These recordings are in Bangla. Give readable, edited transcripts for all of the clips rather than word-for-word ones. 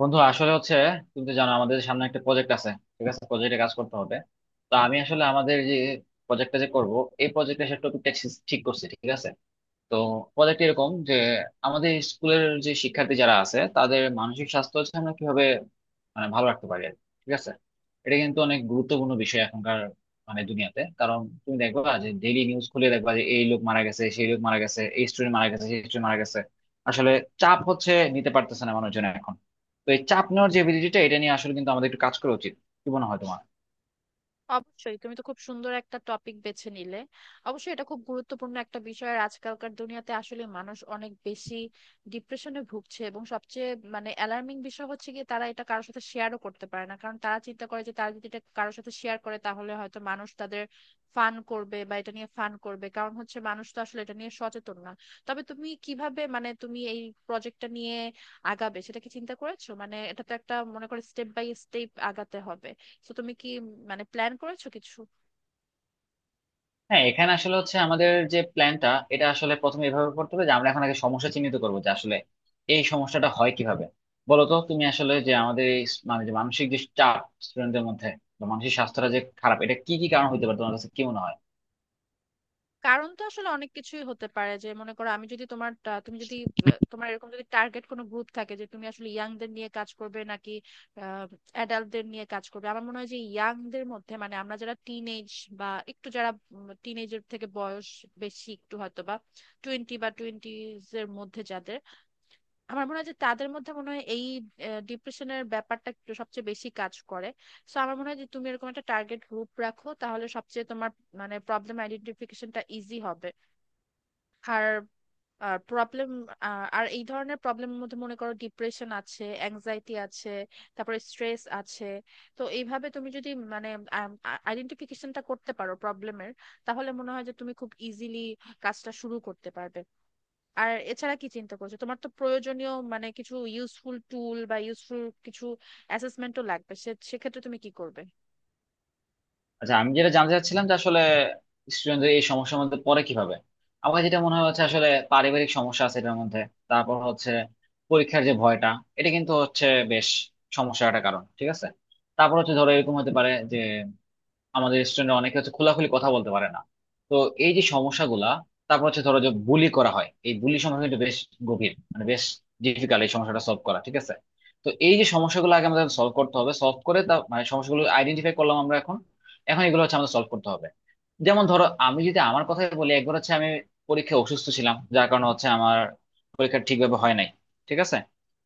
বন্ধু আসলে হচ্ছে তুমি তো জানো আমাদের সামনে একটা প্রজেক্ট আছে। ঠিক আছে, প্রজেক্টে কাজ করতে হবে। তো আমি আসলে আমাদের যে প্রজেক্টটা যে করব, এই প্রজেক্টে সে টপিকটা ঠিক করছি, ঠিক আছে। তো প্রজেক্ট এরকম যে আমাদের স্কুলের যে শিক্ষার্থী যারা আছে তাদের মানসিক স্বাস্থ্য হচ্ছে আমরা কিভাবে মানে ভালো রাখতে পারি আর কি। ঠিক আছে, এটা কিন্তু অনেক গুরুত্বপূর্ণ বিষয় এখনকার মানে দুনিয়াতে, কারণ তুমি দেখবা যে ডেইলি নিউজ খুলে দেখবা যে এই লোক মারা গেছে, সেই লোক মারা গেছে, এই স্টুডেন্ট মারা গেছে, সেই স্টুডেন্ট মারা গেছে। আসলে চাপ হচ্ছে, নিতে পারতেছে না মানুষজন এখন। তো এই চাপ নেওয়ার যে এবিলিটিটা, এটা নিয়ে আসলে কিন্তু আমাদের একটু কাজ করা উচিত। কি মনে হয় তোমার? অবশ্যই, তুমি তো খুব সুন্দর একটা টপিক বেছে নিলে। অবশ্যই এটা খুব গুরুত্বপূর্ণ একটা বিষয়। আর আজকালকার দুনিয়াতে আসলে মানুষ অনেক বেশি ডিপ্রেশনে ভুগছে, এবং সবচেয়ে মানে অ্যালার্মিং বিষয় হচ্ছে গিয়ে তারা এটা কারোর সাথে শেয়ারও করতে পারে না, কারণ তারা চিন্তা করে যে তারা যদি এটা কারোর সাথে শেয়ার করে তাহলে হয়তো মানুষ তাদের ফান করবে বা এটা নিয়ে ফান করবে। কারণ হচ্ছে মানুষ তো আসলে এটা নিয়ে সচেতন না। তবে তুমি কিভাবে, মানে তুমি এই প্রজেক্টটা নিয়ে আগাবে সেটা কি চিন্তা করেছো? মানে এটা তো একটা মনে করে স্টেপ বাই স্টেপ আগাতে হবে। তো তুমি কি মানে প্ল্যান করেছো কিছু? হ্যাঁ, এখানে আসলে হচ্ছে আমাদের যে প্ল্যানটা, এটা আসলে প্রথমে এভাবে করতে হবে যে আমরা এখন আগে সমস্যা চিহ্নিত করবো যে আসলে এই সমস্যাটা হয় কিভাবে। বলো তো তুমি আসলে যে আমাদের এই মানে যে মানসিক যে চাপ স্টুডেন্টদের মধ্যে বা মানসিক স্বাস্থ্যটা যে খারাপ, এটা কি কি কারণ হতে পারে, তোমার কাছে কি মনে হয়? কারণ তো আসলে অনেক কিছুই হতে পারে। যে মনে করো, আমি যদি তুমি যদি তোমার এরকম যদি টার্গেট কোনো গ্রুপ থাকে যে তুমি আসলে ইয়াংদের নিয়ে কাজ করবে নাকি অ্যাডাল্টদের নিয়ে কাজ করবে। আমার মনে হয় যে ইয়াংদের মধ্যে, মানে আমরা যারা টিনেজ বা একটু যারা টিনেজের থেকে বয়স বেশি একটু হয়তো, বা টোয়েন্টি বা টোয়েন্টিজ এর মধ্যে যাদের, আমার মনে হয় যে তাদের মধ্যে মনে হয় এই ডিপ্রেশনের ব্যাপারটা একটু সবচেয়ে বেশি কাজ করে। সো আমার মনে হয় যে তুমি এরকম একটা টার্গেট গ্রুপ রাখো, তাহলে সবচেয়ে তোমার মানে প্রবলেম আইডেন্টিফিকেশনটা ইজি হবে। আর প্রবলেম আর এই ধরনের প্রবলেমের মধ্যে মনে করো ডিপ্রেশন আছে, অ্যাংজাইটি আছে, তারপরে স্ট্রেস আছে। তো এইভাবে তুমি যদি মানে আইডেন্টিফিকেশনটা করতে পারো প্রবলেমের, তাহলে মনে হয় যে তুমি খুব ইজিলি কাজটা শুরু করতে পারবে। আর এছাড়া কি চিন্তা করছো? তোমার তো প্রয়োজনীয় মানে কিছু ইউজফুল টুল বা ইউজফুল কিছু অ্যাসেসমেন্টও লাগবে। সে সেক্ষেত্রে তুমি কি করবে? আচ্ছা, আমি যেটা জানতে চাচ্ছিলাম যে আসলে স্টুডেন্টদের এই সমস্যার মধ্যে পড়ে কিভাবে। আমার যেটা মনে হয় হচ্ছে আসলে পারিবারিক সমস্যা আছে এটার মধ্যে। তারপর হচ্ছে পরীক্ষার যে ভয়টা, এটা কিন্তু হচ্ছে বেশ সমস্যার একটা কারণ, ঠিক আছে। তারপর হচ্ছে ধরো এরকম হতে পারে যে আমাদের স্টুডেন্ট অনেকে হচ্ছে খোলাখুলি কথা বলতে পারে না। তো এই যে সমস্যাগুলা। তারপর হচ্ছে ধরো যে বুলি করা হয়, এই বুলি সমস্যা কিন্তু বেশ গভীর মানে বেশ ডিফিকাল্ট এই সমস্যাটা সলভ করা, ঠিক আছে। তো এই যে সমস্যাগুলো আগে আমাদের সলভ করতে হবে, সলভ করে তা মানে সমস্যাগুলো আইডেন্টিফাই করলাম আমরা এখন, এখন এগুলো হচ্ছে আমাদের সলভ করতে হবে। যেমন ধরো আমি যদি আমার কথাই বলি, একবার হচ্ছে আমি পরীক্ষায় অসুস্থ ছিলাম যার কারণে হচ্ছে আমার পরীক্ষা ঠিকভাবে হয় নাই, ঠিক আছে।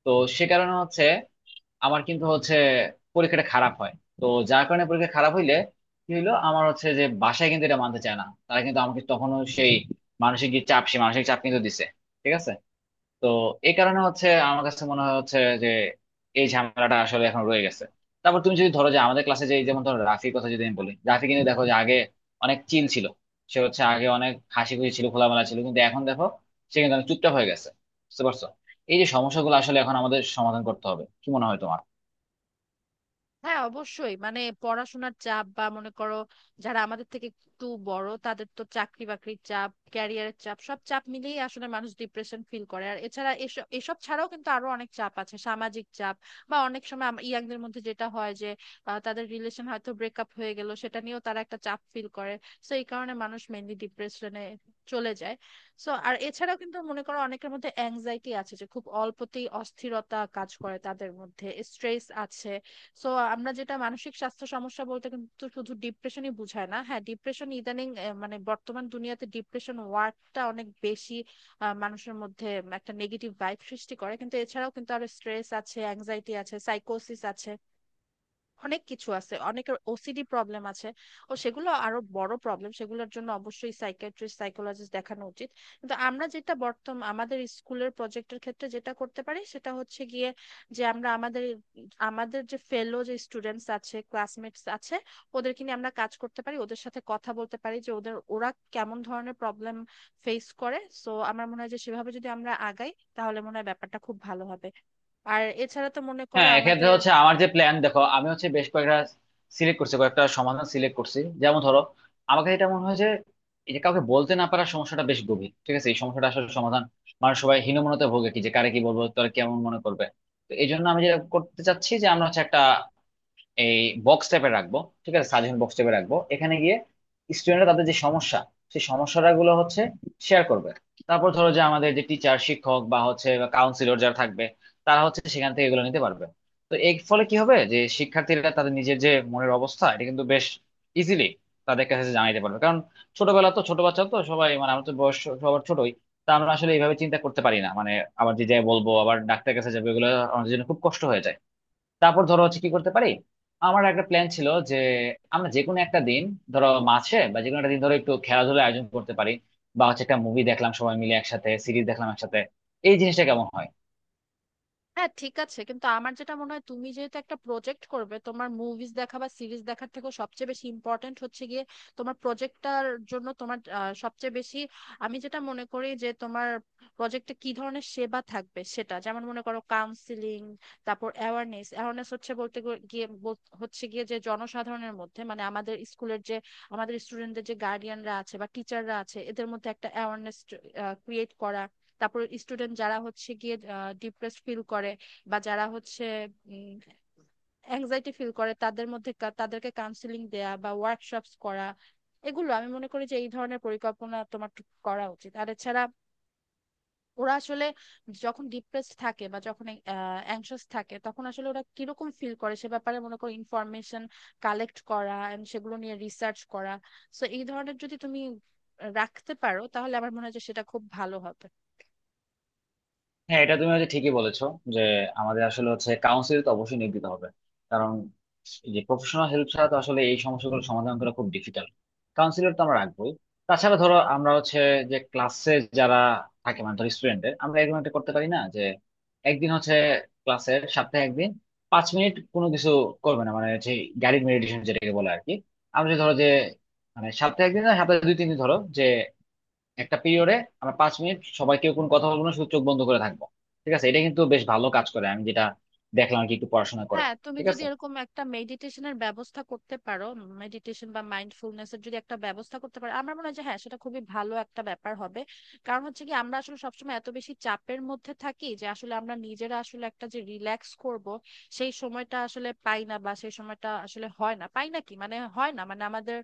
তো সে কারণে হচ্ছে আমার কিন্তু হচ্ছে পরীক্ষাটা খারাপ হয়। তো যার কারণে পরীক্ষা খারাপ হইলে কি হইলো, আমার হচ্ছে যে বাসায় কিন্তু এটা মানতে চায় না, তারা কিন্তু আমাকে তখনও সেই মানসিক যে চাপ, সেই মানসিক চাপ কিন্তু দিছে, ঠিক আছে। তো এই কারণে হচ্ছে আমার কাছে মনে হয় হচ্ছে যে এই ঝামেলাটা আসলে এখন রয়ে গেছে। তারপর তুমি যদি ধরো যে আমাদের ক্লাসে যে, যেমন ধরো রাফির কথা যদি আমি বলি, রাফি কিন্তু দেখো যে আগে অনেক চিল ছিল, সে হচ্ছে আগে অনেক হাসি খুশি ছিল, খোলামেলা ছিল, কিন্তু এখন দেখো সে কিন্তু অনেক চুপচাপ হয়ে গেছে। বুঝতে পারছো? এই যে সমস্যাগুলো আসলে এখন আমাদের সমাধান করতে হবে, কি মনে হয় তোমার? হ্যাঁ, অবশ্যই। মানে পড়াশোনার চাপ বা মনে করো যারা আমাদের থেকে একটু বড় তাদের তো চাকরি বাকরির চাপ, ক্যারিয়ারের চাপ, সব চাপ মিলিয়ে আসলে মানুষ ডিপ্রেশন ফিল করে। আর এছাড়া এসব এসব ছাড়াও কিন্তু আরো অনেক চাপ আছে, সামাজিক চাপ। বা অনেক সময় ইয়াংদের মধ্যে যেটা হয় যে তাদের রিলেশন হয়তো ব্রেকআপ হয়ে গেল, সেটা নিয়েও তারা একটা চাপ ফিল করে। সো এই কারণে মানুষ মেনলি ডিপ্রেশনে চলে যায়। সো আর এছাড়াও কিন্তু মনে করো অনেকের মধ্যে অ্যাংজাইটি আছে, যে খুব অল্পতেই অস্থিরতা কাজ করে তাদের মধ্যে, স্ট্রেস আছে। সো আমরা যেটা মানসিক স্বাস্থ্য সমস্যা বলতে কিন্তু শুধু ডিপ্রেশনই বোঝায় না। হ্যাঁ, ডিপ্রেশন ইদানিং মানে বর্তমান দুনিয়াতে ডিপ্রেশন ওয়ার্ডটা অনেক বেশি মানুষের মধ্যে একটা নেগেটিভ ভাইব সৃষ্টি করে, কিন্তু এছাড়াও কিন্তু আরো স্ট্রেস আছে, অ্যাংজাইটি আছে, সাইকোসিস আছে, অনেক কিছু আছে, অনেকের ওসিডি প্রবলেম আছে। ও সেগুলো আরো বড় প্রবলেম, সেগুলোর জন্য অবশ্যই সাইকিয়াট্রিস্ট, সাইকোলজিস্ট দেখানো উচিত। কিন্তু আমরা যেটা বর্তমান আমাদের স্কুলের প্রজেক্টের ক্ষেত্রে যেটা করতে পারি সেটা হচ্ছে গিয়ে যে আমরা আমাদের আমাদের যে ফেলো, যে স্টুডেন্টস আছে, ক্লাসমেটস আছে, ওদেরকে নিয়ে আমরা কাজ করতে পারি, ওদের সাথে কথা বলতে পারি, যে ওরা কেমন ধরনের প্রবলেম ফেস করে। সো আমার মনে হয় যে সেভাবে যদি আমরা আগাই তাহলে মনে হয় ব্যাপারটা খুব ভালো হবে। আর এছাড়া তো মনে করো হ্যাঁ, এক্ষেত্রে আমাদের হচ্ছে আমার যে প্ল্যান, দেখো আমি হচ্ছে বেশ কয়েকটা সিলেক্ট করছি, কয়েকটা সমাধান সিলেক্ট করছি। যেমন ধরো আমার কাছে এটা মনে হয় যে এই যে কাউকে বলতে না পারার সমস্যাটা বেশ গভীর, ঠিক আছে, এই সমস্যাটা আসলে সমাধান, মানুষ সবাই হীনমন্যতায় ভোগে, কি যে কারে কি বলবো, তোরা কেমন মনে করবে। তো এই জন্য আমি যেটা করতে চাচ্ছি যে আমরা হচ্ছে একটা এই বক্স টাইপে রাখবো, ঠিক আছে, সাজেশন বক্স টাইপে রাখবো। এখানে গিয়ে স্টুডেন্টরা তাদের যে সমস্যা, সেই সমস্যাগুলো হচ্ছে শেয়ার করবে। তারপর ধরো যে আমাদের যে টিচার শিক্ষক বা হচ্ছে কাউন্সিলর যারা থাকবে, তারা হচ্ছে সেখান থেকে এগুলো নিতে পারবে। তো এর ফলে কি হবে যে শিক্ষার্থীরা তাদের নিজের যে মনের অবস্থা, এটা কিন্তু বেশ ইজিলি তাদের কাছে জানাইতে পারবে। কারণ ছোটবেলা তো, ছোট বাচ্চা তো সবাই, মানে আমার তো বয়স সবার ছোটই, তা আমরা আসলে এইভাবে চিন্তা করতে পারি না মানে আবার যে যাই বলবো আবার ডাক্তারের কাছে যাবে, এগুলো আমাদের জন্য খুব কষ্ট হয়ে যায়। তারপর ধরো হচ্ছে কি করতে পারি, আমার একটা প্ল্যান ছিল যে আমরা যে কোনো একটা দিন, ধরো মাসে বা যে কোনো একটা দিন ধরো, একটু খেলাধুলা আয়োজন করতে পারি। বা হচ্ছে একটা মুভি দেখলাম সবাই মিলে একসাথে, সিরিজ দেখলাম একসাথে, এই জিনিসটা কেমন হয়? হ্যাঁ, ঠিক আছে। কিন্তু আমার যেটা মনে হয়, তুমি যেহেতু একটা প্রজেক্ট করবে, তোমার মুভিজ দেখা বা সিরিজ দেখার থেকে সবচেয়ে বেশি ইম্পর্টেন্ট হচ্ছে গিয়ে তোমার প্রজেক্টটার জন্য তোমার সবচেয়ে বেশি, আমি যেটা মনে করি যে তোমার প্রজেক্টে কি ধরনের সেবা থাকবে সেটা, যেমন মনে করো কাউন্সিলিং, তারপর অ্যাওয়ারনেস। অ্যাওয়ারনেস হচ্ছে বলতে হচ্ছে গিয়ে যে জনসাধারণের মধ্যে, মানে আমাদের স্কুলের যে আমাদের স্টুডেন্টদের যে গার্ডিয়ানরা আছে বা টিচাররা আছে, এদের মধ্যে একটা অ্যাওয়ারনেস ক্রিয়েট করা। তারপর স্টুডেন্ট যারা হচ্ছে গিয়ে ডিপ্রেসড ফিল করে বা যারা হচ্ছে অ্যাংজাইটি ফিল করে, তাদের মধ্যে তাদেরকে কাউন্সিলিং দেয়া বা ওয়ার্কশপস করা। এগুলো আমি মনে করি যে এই ধরনের পরিকল্পনা তোমার করা উচিত। আর এছাড়া, ওরা আসলে যখন ডিপ্রেসড থাকে বা যখন অ্যাংশাস থাকে তখন আসলে ওরা কিরকম ফিল করে সে ব্যাপারে মনে করো ইনফরমেশন কালেক্ট করা এন্ড সেগুলো নিয়ে রিসার্চ করা। সো এই ধরনের যদি তুমি রাখতে পারো তাহলে আমার মনে হয় যে সেটা খুব ভালো হবে। হ্যাঁ, এটা তুমি হচ্ছে ঠিকই বলেছো যে আমাদের আসলে হচ্ছে কাউন্সিল তো অবশ্যই নিয়োগ দিতে হবে, কারণ এই যে প্রফেশনাল হেল্প ছাড়া তো আসলে এই সমস্যাগুলো সমাধান করা খুব ডিফিকাল্ট। কাউন্সিলর তো আমরা রাখবোই। তাছাড়া ধরো আমরা হচ্ছে যে ক্লাসে যারা থাকে মানে ধরো স্টুডেন্টদের, আমরা এরকম একটা করতে পারি না যে একদিন হচ্ছে ক্লাসের, সপ্তাহে একদিন 5 মিনিট কোনো কিছু করবে না মানে হচ্ছে গাইডেড মেডিটেশন যেটাকে বলে আর কি। আমরা যে ধরো যে মানে সপ্তাহে একদিন না, সপ্তাহে দুই তিন দিন ধরো যে একটা পিরিয়ডে আমরা 5 মিনিট সবাই কেউ কোনো কথা বলবো না, শুধু চোখ বন্ধ করে থাকবো। ঠিক আছে, এটা কিন্তু বেশ ভালো কাজ করে, আমি যেটা দেখলাম আর কি একটু পড়াশোনা করে। হ্যাঁ, তুমি ঠিক যদি আছে। এরকম একটা মেডিটেশনের ব্যবস্থা করতে পারো, মেডিটেশন বা মাইন্ডফুলনেস এর যদি একটা ব্যবস্থা করতে পারো, আমার মনে হয় যে হ্যাঁ, সেটা খুবই ভালো একটা ব্যাপার হবে। কারণ হচ্ছে কি, আমরা আসলে সবসময় এত বেশি চাপের মধ্যে থাকি যে আসলে আমরা নিজেরা আসলে একটা যে রিল্যাক্স করব, সেই সময়টা আসলে পাই না, বা সেই সময়টা আসলে হয় না পাই না কি মানে হয় না, মানে আমাদের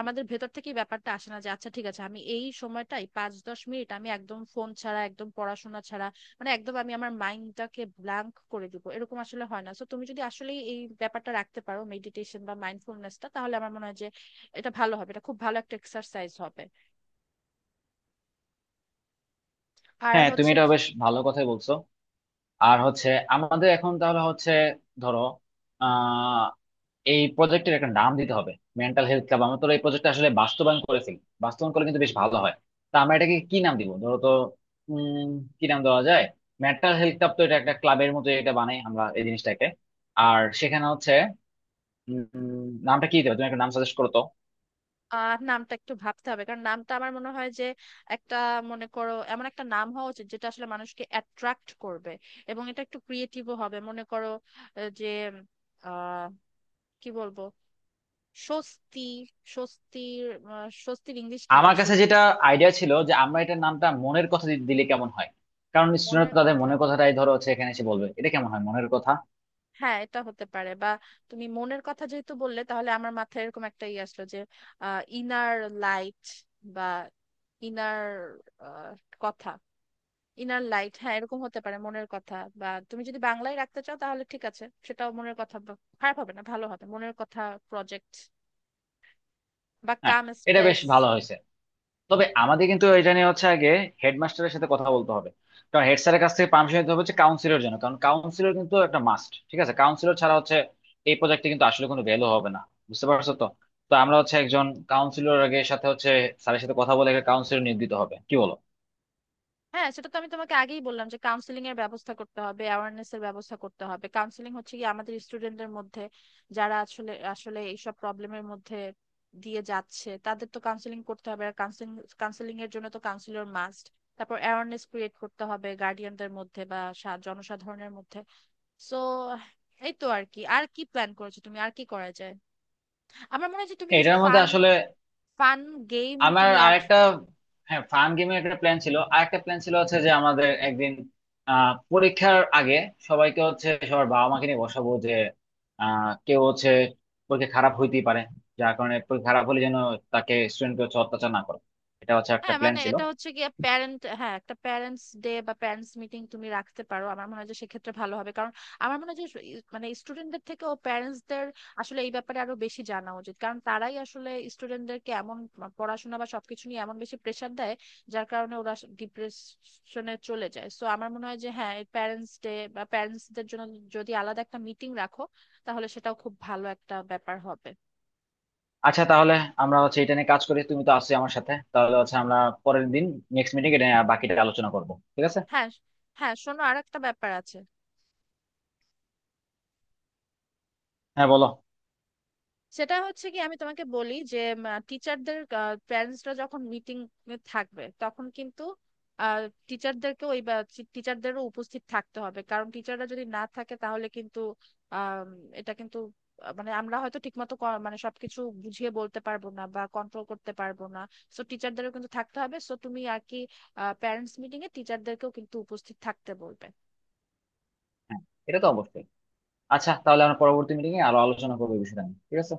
আমাদের ভেতর থেকে এই ব্যাপারটা আসে না যে আচ্ছা, ঠিক আছে, আমি এই সময়টাই পাঁচ দশ মিনিট আমি একদম ফোন ছাড়া, একদম পড়াশোনা ছাড়া, মানে একদম আমি আমার মাইন্ডটাকে ব্ল্যাঙ্ক করে দিব, এরকম আসলে হয় না। তো তুমি যদি আসলে এই ব্যাপারটা রাখতে পারো, মেডিটেশন বা মাইন্ডফুলনেসটা, তাহলে আমার মনে হয় যে এটা ভালো হবে, এটা খুব ভালো একটা এক্সারসাইজ হবে। আর হ্যাঁ, তুমি হচ্ছে এটা বেশ ভালো কথাই বলছো। আর হচ্ছে আমাদের এখন তাহলে হচ্ছে ধরো আহ এই প্রজেক্টের একটা নাম দিতে হবে। মেন্টাল হেলথ ক্লাব আমরা তো এই প্রজেক্টটা আসলে বাস্তবায়ন করেছি, বাস্তবায়ন করলে কিন্তু বেশ ভালো হয়। তা আমরা এটাকে কি নাম দিব ধরো তো। উম কি নাম দেওয়া যায়? মেন্টাল হেলথ ক্লাব তো, এটা একটা ক্লাবের মতো এটা বানাই আমরা এই জিনিসটাকে। আর সেখানে হচ্ছে নামটা কি দেবে? তুমি একটা নাম সাজেস্ট করো তো। নামটা একটু ভাবতে হবে, কারণ নামটা আমার মনে হয় যে একটা, মনে করো এমন একটা নাম হওয়া উচিত যেটা আসলে মানুষকে অ্যাট্রাক্ট করবে, এবং এটা একটু ক্রিয়েটিভও হবে। মনে করো যে আহ কি বলবো, স্বস্তি, স্বস্তির, স্বস্তির ইংলিশ কি আমার কাছে আসলে? যেটা আইডিয়া ছিল যে আমরা এটার নামটা মনের কথা দিলে কেমন হয়। কারণ স্টুডেন্ট মনের তাদের কথা, মনের কথাটাই ধরো হচ্ছে এখানে এসে বলবে, এটা কেমন হয় মনের কথা? হ্যাঁ এটা হতে পারে। বা তুমি মনের কথা যেহেতু বললে, তাহলে আমার মাথায় এরকম একটা ই আসলো যে ইনার লাইট, বা ইনার কথা। ইনার লাইট, হ্যাঁ এরকম হতে পারে, মনের কথা। বা তুমি যদি বাংলায় রাখতে চাও তাহলে ঠিক আছে, সেটাও মনের কথা বা- খারাপ হবে না, ভালো হবে, মনের কথা প্রজেক্ট। বা হ্যাঁ, কাম এটা স্পেস। বেশ ভালো হয়েছে। তবে আমাদের কিন্তু এটা নিয়ে হচ্ছে আগে হেডমাস্টারের সাথে কথা বলতে হবে, কারণ হেড স্যারের কাছ থেকে পারমিশন নিতে হবে হচ্ছে কাউন্সিলর জন্য, কারণ কাউন্সিলর কিন্তু একটা মাস্ট, ঠিক আছে, কাউন্সিলর ছাড়া হচ্ছে এই প্রজেক্টে কিন্তু আসলে কোনো ভ্যালু হবে না। বুঝতে পারছো তো? তো আমরা হচ্ছে একজন কাউন্সিলর আগে, সাথে হচ্ছে স্যারের সাথে কথা বলে একটা কাউন্সিলর নিয়োগ দিতে হবে, কি বলো? হ্যাঁ, সেটা তো আমি তোমাকে আগেই বললাম যে কাউন্সিলিং এর ব্যবস্থা করতে হবে, অ্যাওয়ারনেস এর ব্যবস্থা করতে হবে। কাউন্সিলিং হচ্ছে কি, আমাদের স্টুডেন্টদের মধ্যে যারা আসলে আসলে এইসব প্রবলেমের মধ্যে দিয়ে যাচ্ছে তাদের তো কাউন্সিলিং করতে হবে। আর কাউন্সিলিং কাউন্সিলিং এর জন্য তো কাউন্সিলর মাস্ট। তারপর অ্যাওয়ারনেস ক্রিয়েট করতে হবে গার্ডিয়ানদের মধ্যে বা জনসাধারণের মধ্যে। সো এই তো। আর কি আর কি প্ল্যান করেছো তুমি, আর কি করা যায়? আমার মনে হয় যে তুমি কিছু এটার মধ্যে ফান আসলে ফান গেম আমার তুমি অ্যাড আরেকটা, হ্যাঁ ফান গেমের একটা প্ল্যান ছিল। আরেকটা প্ল্যান ছিল হচ্ছে যে আমাদের একদিন পরীক্ষার আগে সবাইকে হচ্ছে সবার বাবা মাকে নিয়ে বসাবো যে কেউ হচ্ছে পরীক্ষা খারাপ হইতেই পারে, যার কারণে পরীক্ষা খারাপ হলে যেন তাকে স্টুডেন্টকে হচ্ছে অত্যাচার না করে, এটা হচ্ছে একটা হ্যাঁ, প্ল্যান মানে ছিল। এটা হচ্ছে গিয়ে প্যারেন্ট, হ্যাঁ, একটা প্যারেন্টস ডে বা প্যারেন্টস মিটিং তুমি রাখতে পারো। আমার মনে হয় যে সেক্ষেত্রে ভালো হবে, কারণ আমার মনে হয় যে মানে স্টুডেন্টদের থেকে ও প্যারেন্টসদের আসলে এই ব্যাপারে আরো বেশি জানা উচিত, কারণ তারাই আসলে স্টুডেন্টদেরকে এমন পড়াশোনা বা সবকিছু নিয়ে এমন বেশি প্রেসার দেয়, যার কারণে ওরা ডিপ্রেশনে চলে যায়। সো আমার মনে হয় যে হ্যাঁ, প্যারেন্টস ডে বা প্যারেন্টসদের জন্য যদি আলাদা একটা মিটিং রাখো, তাহলে সেটাও খুব ভালো একটা ব্যাপার হবে। আচ্ছা, তাহলে আমরা হচ্ছে এটা নিয়ে কাজ করি, তুমি তো আছো আমার সাথে, তাহলে হচ্ছে আমরা পরের দিন নেক্সট মিটিং এটা নিয়ে বাকিটা আলোচনা করবো, ঠিক আছে। হ্যাঁ। হ্যাঁ, শোনো, আর একটা ব্যাপার আছে। হ্যাঁ বলো। সেটা হচ্ছে কি, আমি তোমাকে বলি যে টিচারদের প্যারেন্টসরা যখন মিটিং থাকবে তখন কিন্তু টিচারদেরকে ওই টিচারদেরও উপস্থিত থাকতে হবে। কারণ টিচাররা যদি না থাকে তাহলে কিন্তু আম, এটা কিন্তু মানে আমরা হয়তো ঠিকমতো মানে সবকিছু বুঝিয়ে বলতে পারবো না বা কন্ট্রোল করতে পারবো না। সো টিচারদেরও কিন্তু থাকতে হবে। সো তুমি আর কি প্যারেন্টস মিটিং এ টিচারদেরকেও কিন্তু উপস্থিত থাকতে বলবে। হ্যাঁ, এটা তো অবশ্যই। আচ্ছা তাহলে আমরা পরবর্তী মিটিং এ আরো আলোচনা করবো এই বিষয়টা নিয়ে, ঠিক আছে।